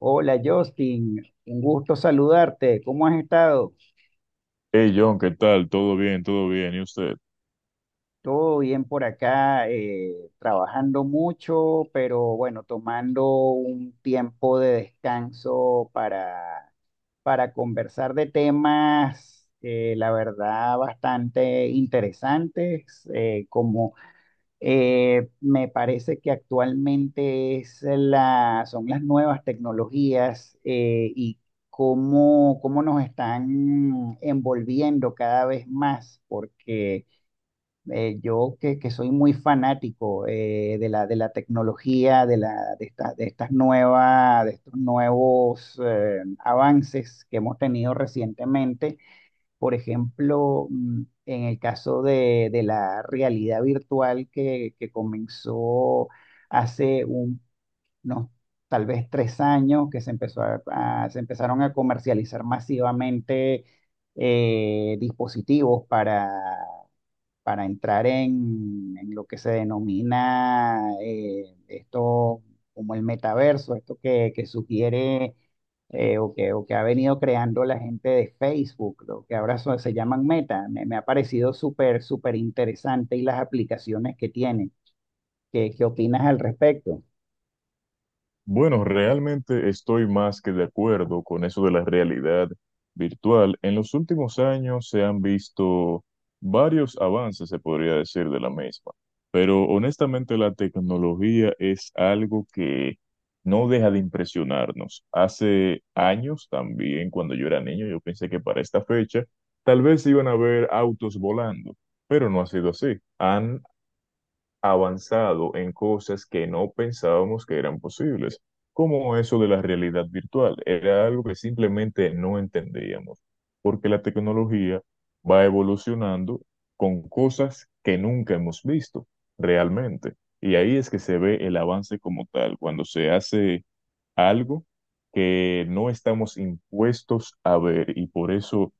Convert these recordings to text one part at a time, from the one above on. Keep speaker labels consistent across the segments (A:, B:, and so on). A: Hola Justin, un gusto saludarte. ¿Cómo has estado?
B: Hey John, ¿qué tal? ¿Todo bien? ¿Todo bien? ¿Y usted?
A: Todo bien por acá, trabajando mucho, pero bueno, tomando un tiempo de descanso para conversar de temas, la verdad, bastante interesantes, como Me parece que actualmente son las nuevas tecnologías, y cómo nos están envolviendo cada vez más, porque yo que soy muy fanático de la tecnología, de estos nuevos avances que hemos tenido recientemente, por ejemplo, en el caso de la realidad virtual que comenzó hace unos tal vez 3 años, que se empezó se empezaron a comercializar masivamente, dispositivos para entrar en lo que se denomina, esto como el metaverso, esto que sugiere, o que ha venido creando la gente de Facebook, lo que ahora se llaman Meta. Me ha parecido súper, súper interesante y las aplicaciones que tienen. ¿Qué opinas al respecto?
B: Bueno, realmente estoy más que de acuerdo con eso de la realidad virtual. En los últimos años se han visto varios avances, se podría decir, de la misma, pero honestamente la tecnología es algo que no deja de impresionarnos. Hace años también, cuando yo era niño, yo pensé que para esta fecha tal vez iban a haber autos volando, pero no ha sido así. Han avanzado en cosas que no pensábamos que eran posibles, como eso de la realidad virtual. Era algo que simplemente no entendíamos, porque la tecnología va evolucionando con cosas que nunca hemos visto realmente. Y ahí es que se ve el avance como tal, cuando se hace algo que no estamos impuestos a ver y por eso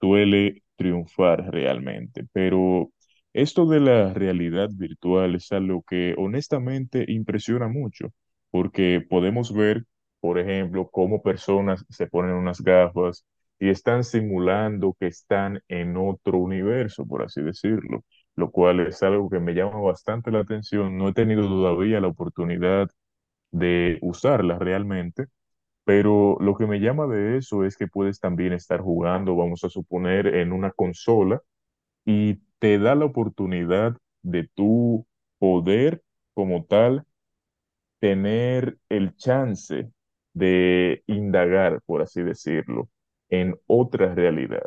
B: duele triunfar realmente. Pero esto de la realidad virtual es algo que honestamente impresiona mucho, porque podemos ver, por ejemplo, cómo personas se ponen unas gafas y están simulando que están en otro universo, por así decirlo, lo cual es algo que me llama bastante la atención. No he tenido todavía la oportunidad de usarla realmente, pero lo que me llama de eso es que puedes también estar jugando, vamos a suponer, en una consola y te da la oportunidad de tú poder, como tal, tener el chance de indagar, por así decirlo, en otra realidad.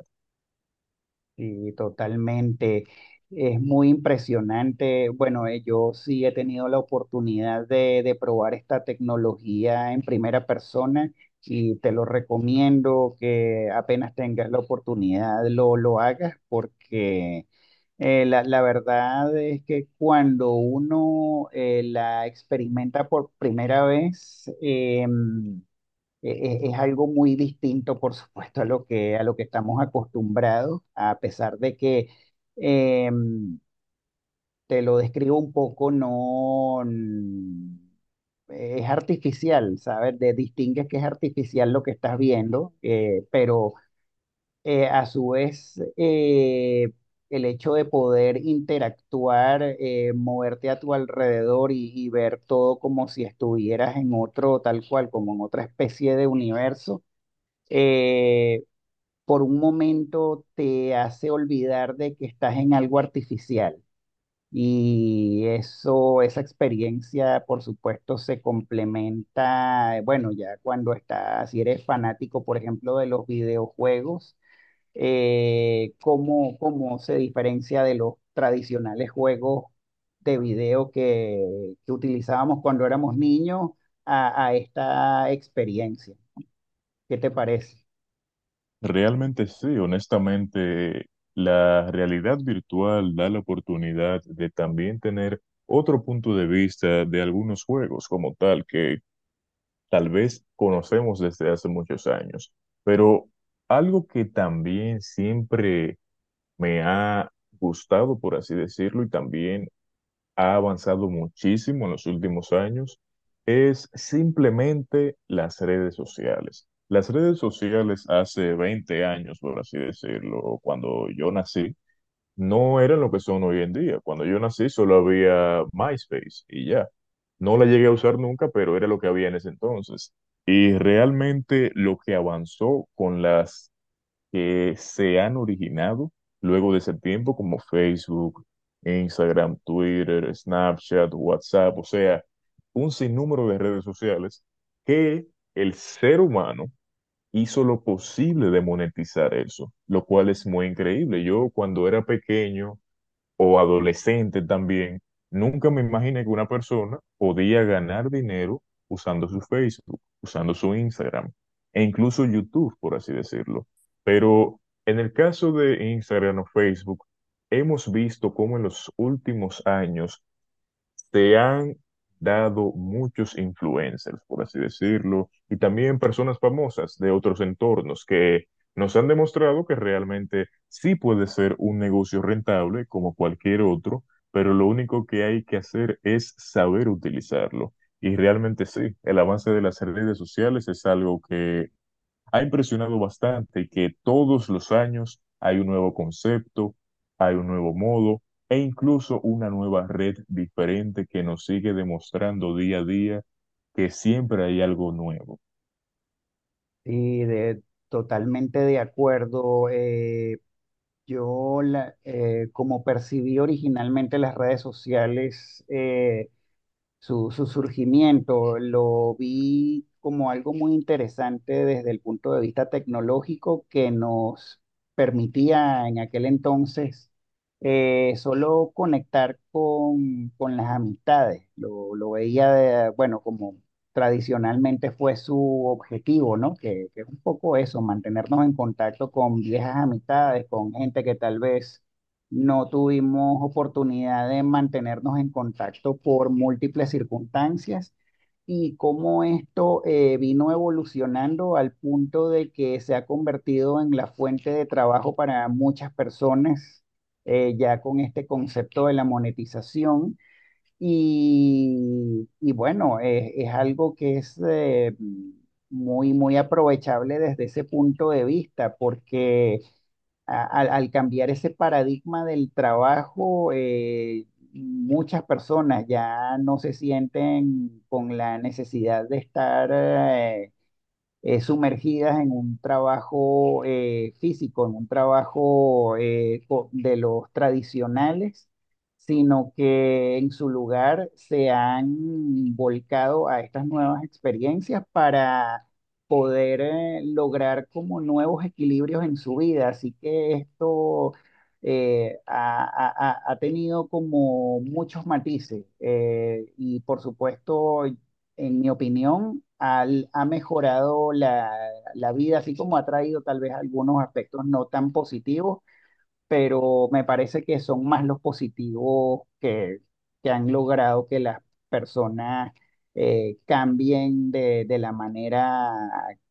A: Sí, totalmente. Es muy impresionante. Bueno, yo sí he tenido la oportunidad de probar esta tecnología en primera persona y te lo recomiendo que apenas tengas la oportunidad lo hagas porque la verdad es que cuando uno la experimenta por primera vez, e- es algo muy distinto, por supuesto, a lo que estamos acostumbrados, a pesar de que, em, te lo describo un poco, no es artificial, ¿sabes? Distingues que es artificial lo que estás viendo, pero, a su vez, el hecho de poder interactuar, moverte a tu alrededor y ver todo como si estuvieras en otro, tal cual, como en otra especie de universo, eh, por un momento te hace olvidar de que estás en algo artificial. Y eso, esa experiencia, por supuesto, se complementa, bueno, ya cuando estás, si eres fanático, por ejemplo, de los videojuegos, cómo se diferencia de los tradicionales juegos de video que utilizábamos cuando éramos niños a esta experiencia. ¿Qué te parece?
B: Realmente sí, honestamente, la realidad virtual da la oportunidad de también tener otro punto de vista de algunos juegos como tal, que tal vez conocemos desde hace muchos años. Pero algo que también siempre me ha gustado, por así decirlo, y también ha avanzado muchísimo en los últimos años es simplemente las redes sociales. Las redes sociales hace 20 años, por así decirlo, cuando yo nací, no eran lo que son hoy en día. Cuando yo nací solo había MySpace y ya. No la llegué a usar nunca, pero era lo que había en ese entonces. Y realmente lo que avanzó con las que se han originado luego de ese tiempo, como Facebook, Instagram, Twitter, Snapchat, WhatsApp, o sea, un sinnúmero de redes sociales que el ser humano hizo lo posible de monetizar eso, lo cual es muy increíble. Yo cuando era pequeño, o adolescente también, nunca me imaginé que una persona podía ganar dinero usando su Facebook, usando su Instagram e incluso YouTube, por así decirlo. Pero en el caso de Instagram o Facebook, hemos visto cómo en los últimos años se han dado muchos influencers, por así decirlo, y también personas famosas de otros entornos que nos han demostrado que realmente sí puede ser un negocio rentable como cualquier otro, pero lo único que hay que hacer es saber utilizarlo. Y realmente sí, el avance de las redes sociales es algo que ha impresionado bastante que todos los años hay un nuevo concepto, hay un nuevo modo e incluso una nueva red diferente que nos sigue demostrando día a día que siempre hay algo nuevo.
A: Sí, totalmente de acuerdo. Como percibí originalmente las redes sociales, su surgimiento. Lo vi como algo muy interesante desde el punto de vista tecnológico que nos permitía en aquel entonces solo conectar con las amistades. Lo veía, bueno, como tradicionalmente fue su objetivo, ¿no? Que es un poco eso, mantenernos en contacto con viejas amistades, con gente que tal vez no tuvimos oportunidad de mantenernos en contacto por múltiples circunstancias, y cómo esto, vino evolucionando al punto de que se ha convertido en la fuente de trabajo para muchas personas, ya con este concepto de la monetización. Y bueno, es algo que es, muy, muy aprovechable desde ese punto de vista, porque al cambiar ese paradigma del trabajo, muchas personas ya no se sienten con la necesidad de estar, sumergidas en un trabajo, físico, en un trabajo de los tradicionales, sino que en su lugar se han volcado a estas nuevas experiencias para poder lograr como nuevos equilibrios en su vida. Así que esto ha tenido como muchos matices, y por supuesto, en mi opinión, ha mejorado la vida, así como ha traído tal vez algunos aspectos no tan positivos, pero me parece que son más los positivos que han logrado que las personas cambien de la manera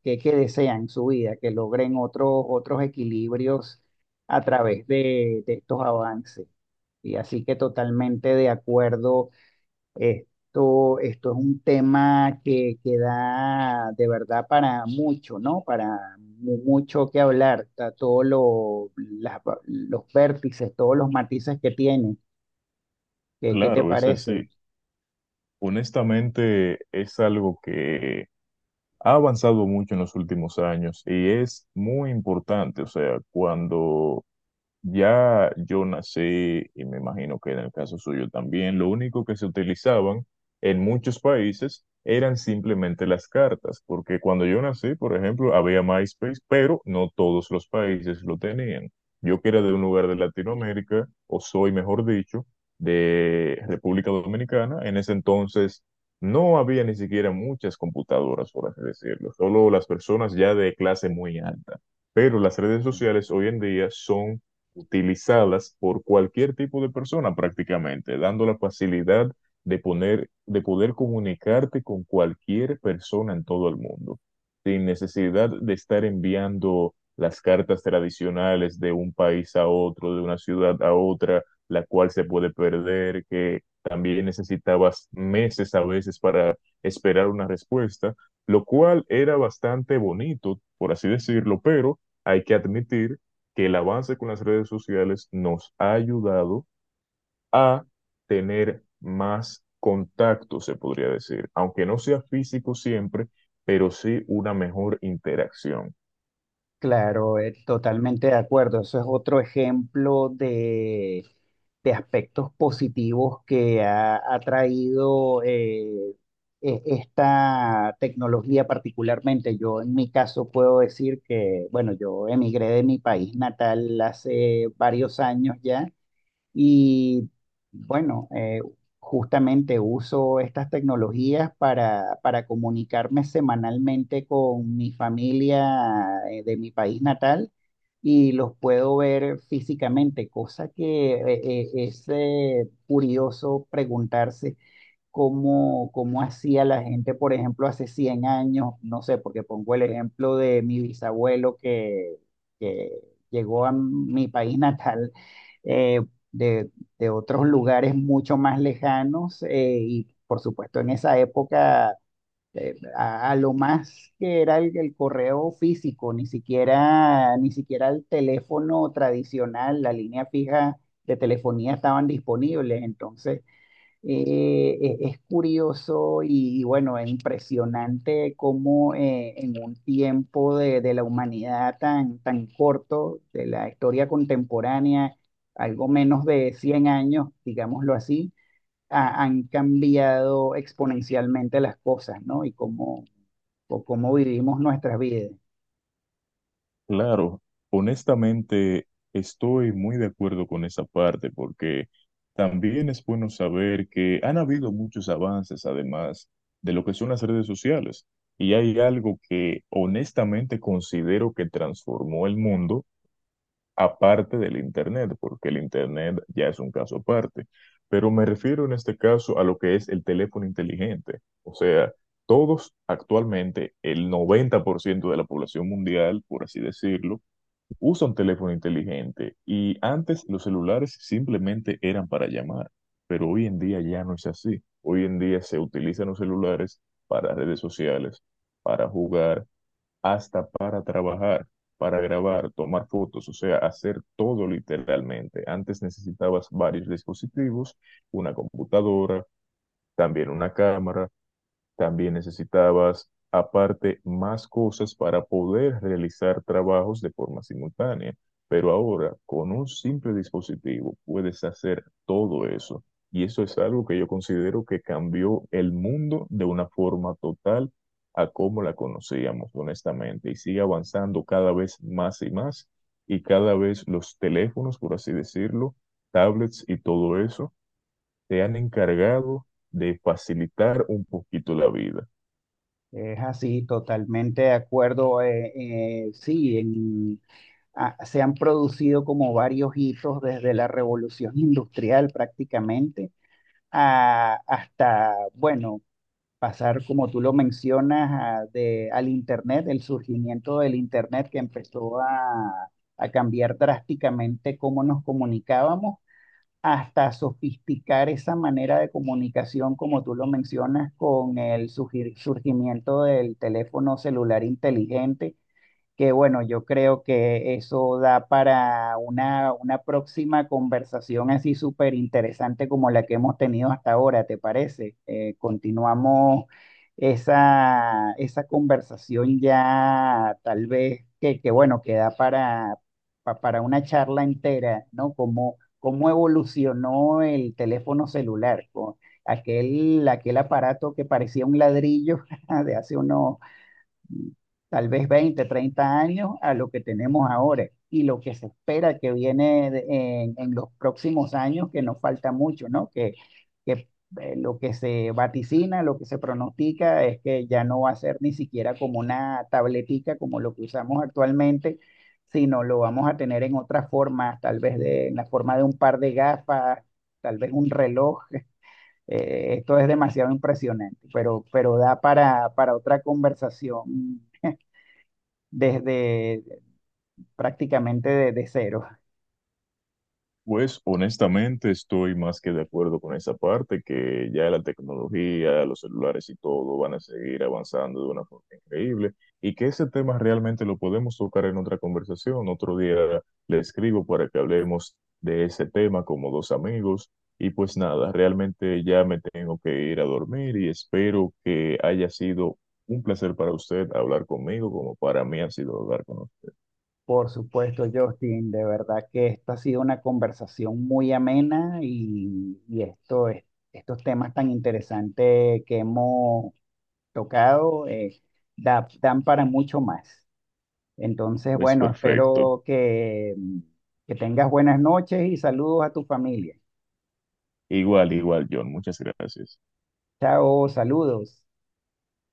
A: que desean su vida, que logren otros, otros equilibrios a través de estos avances. Y así que, totalmente de acuerdo, esto es un tema que da de verdad para mucho, ¿no? Para mucho que hablar, está todo los vértices, todos los matices que tiene. ¿Qué te
B: Claro, es
A: parece?
B: así. Honestamente, es algo que ha avanzado mucho en los últimos años y es muy importante. O sea, cuando Ya yo nací, y me imagino que en el caso suyo también, lo único que se utilizaban en muchos países eran simplemente las cartas, porque cuando yo nací, por ejemplo, había MySpace, pero no todos los países lo tenían. Yo que era de un lugar de Latinoamérica, o soy, mejor dicho, de República Dominicana, en ese entonces no había ni siquiera muchas computadoras, por así decirlo, solo las personas ya de clase muy alta. Pero las redes sociales hoy en día son utilizadas por cualquier tipo de persona prácticamente, dando la facilidad de poner, de poder comunicarte con cualquier persona en todo el mundo, sin necesidad de estar enviando las cartas tradicionales de un país a otro, de una ciudad a otra, la cual se puede perder, que también necesitabas meses a veces para esperar una respuesta, lo cual era bastante bonito, por así decirlo, pero hay que admitir que el avance con las redes sociales nos ha ayudado a tener más contacto, se podría decir, aunque no sea físico siempre, pero sí una mejor interacción.
A: Claro, totalmente de acuerdo. Eso es otro ejemplo de aspectos positivos que ha traído, esta tecnología particularmente. Yo en mi caso puedo decir que, bueno, yo emigré de mi país natal hace varios años ya, y bueno, justamente uso estas tecnologías para comunicarme semanalmente con mi familia, de mi país natal, y los puedo ver físicamente, cosa que es curioso preguntarse cómo hacía la gente, por ejemplo, hace 100 años, no sé, porque pongo el ejemplo de mi bisabuelo que llegó a mi país natal, eh, de, de otros lugares mucho más lejanos, y por supuesto en esa época, a lo más que era el correo físico, ni siquiera, ni siquiera el teléfono tradicional, la línea fija de telefonía estaban disponibles, entonces es curioso, y bueno, es impresionante cómo, en un tiempo de la humanidad tan, tan corto, de la historia contemporánea, algo menos de 100 años, digámoslo así, han cambiado exponencialmente las cosas, ¿no? Y cómo, o cómo vivimos nuestras vidas.
B: Claro, honestamente estoy muy de acuerdo con esa parte porque también es bueno saber que han habido muchos avances además de lo que son las redes sociales y hay algo que honestamente considero que transformó el mundo aparte del Internet, porque el Internet ya es un caso aparte. Pero me refiero en este caso a lo que es el teléfono inteligente. O sea, todos actualmente, el 90% de la población mundial, por así decirlo, usa un teléfono inteligente y antes los celulares simplemente eran para llamar, pero hoy en día ya no es así. Hoy en día se utilizan los celulares para redes sociales, para jugar, hasta para trabajar, para grabar, tomar fotos, o sea, hacer todo literalmente. Antes necesitabas varios dispositivos, una computadora, también una cámara. También necesitabas, aparte, más cosas para poder realizar trabajos de forma simultánea. Pero ahora, con un simple dispositivo, puedes hacer todo eso. Y eso es algo que yo considero que cambió el mundo de una forma total a cómo la conocíamos, honestamente. Y sigue avanzando cada vez más y más. Y cada vez los teléfonos, por así decirlo, tablets y todo eso, se han encargado de facilitar un poquito la vida.
A: Es así, totalmente de acuerdo. Sí, se han producido como varios hitos desde la revolución industrial prácticamente hasta, bueno, pasar, como tú lo mencionas, al Internet, el surgimiento del Internet que empezó a cambiar drásticamente cómo nos comunicábamos, hasta sofisticar esa manera de comunicación, como tú lo mencionas, con el surgimiento del teléfono celular inteligente, que bueno, yo creo que eso da para una próxima conversación así súper interesante como la que hemos tenido hasta ahora, ¿te parece? Continuamos esa conversación ya tal vez que, que da para una charla entera, ¿no? Cómo evolucionó el teléfono celular, con aquel aparato que parecía un ladrillo de hace unos tal vez 20 30 años a lo que tenemos ahora, y lo que se espera que viene de- en los próximos años, que nos falta mucho, ¿no? Que lo que se vaticina, lo que se pronostica es que ya no va a ser ni siquiera como una tabletica como lo que usamos actualmente, sino lo vamos a tener en otras formas, tal vez de, en la forma de un par de gafas, tal vez un reloj. Esto es demasiado impresionante, pero da para otra conversación desde prácticamente de cero.
B: Pues honestamente estoy más que de acuerdo con esa parte, que ya la tecnología, los celulares y todo van a seguir avanzando de una forma increíble y que ese tema realmente lo podemos tocar en otra conversación. Otro día le escribo para que hablemos de ese tema como dos amigos y pues nada, realmente ya me tengo que ir a dormir y espero que haya sido un placer para usted hablar conmigo como para mí ha sido hablar con usted.
A: Por supuesto, Justin, de verdad que esto ha sido una conversación muy amena, y esto estos temas tan interesantes que hemos tocado, dan para mucho más. Entonces,
B: Es
A: bueno,
B: perfecto.
A: espero que tengas buenas noches y saludos a tu familia.
B: Igual, igual, John, muchas gracias.
A: Chao, saludos.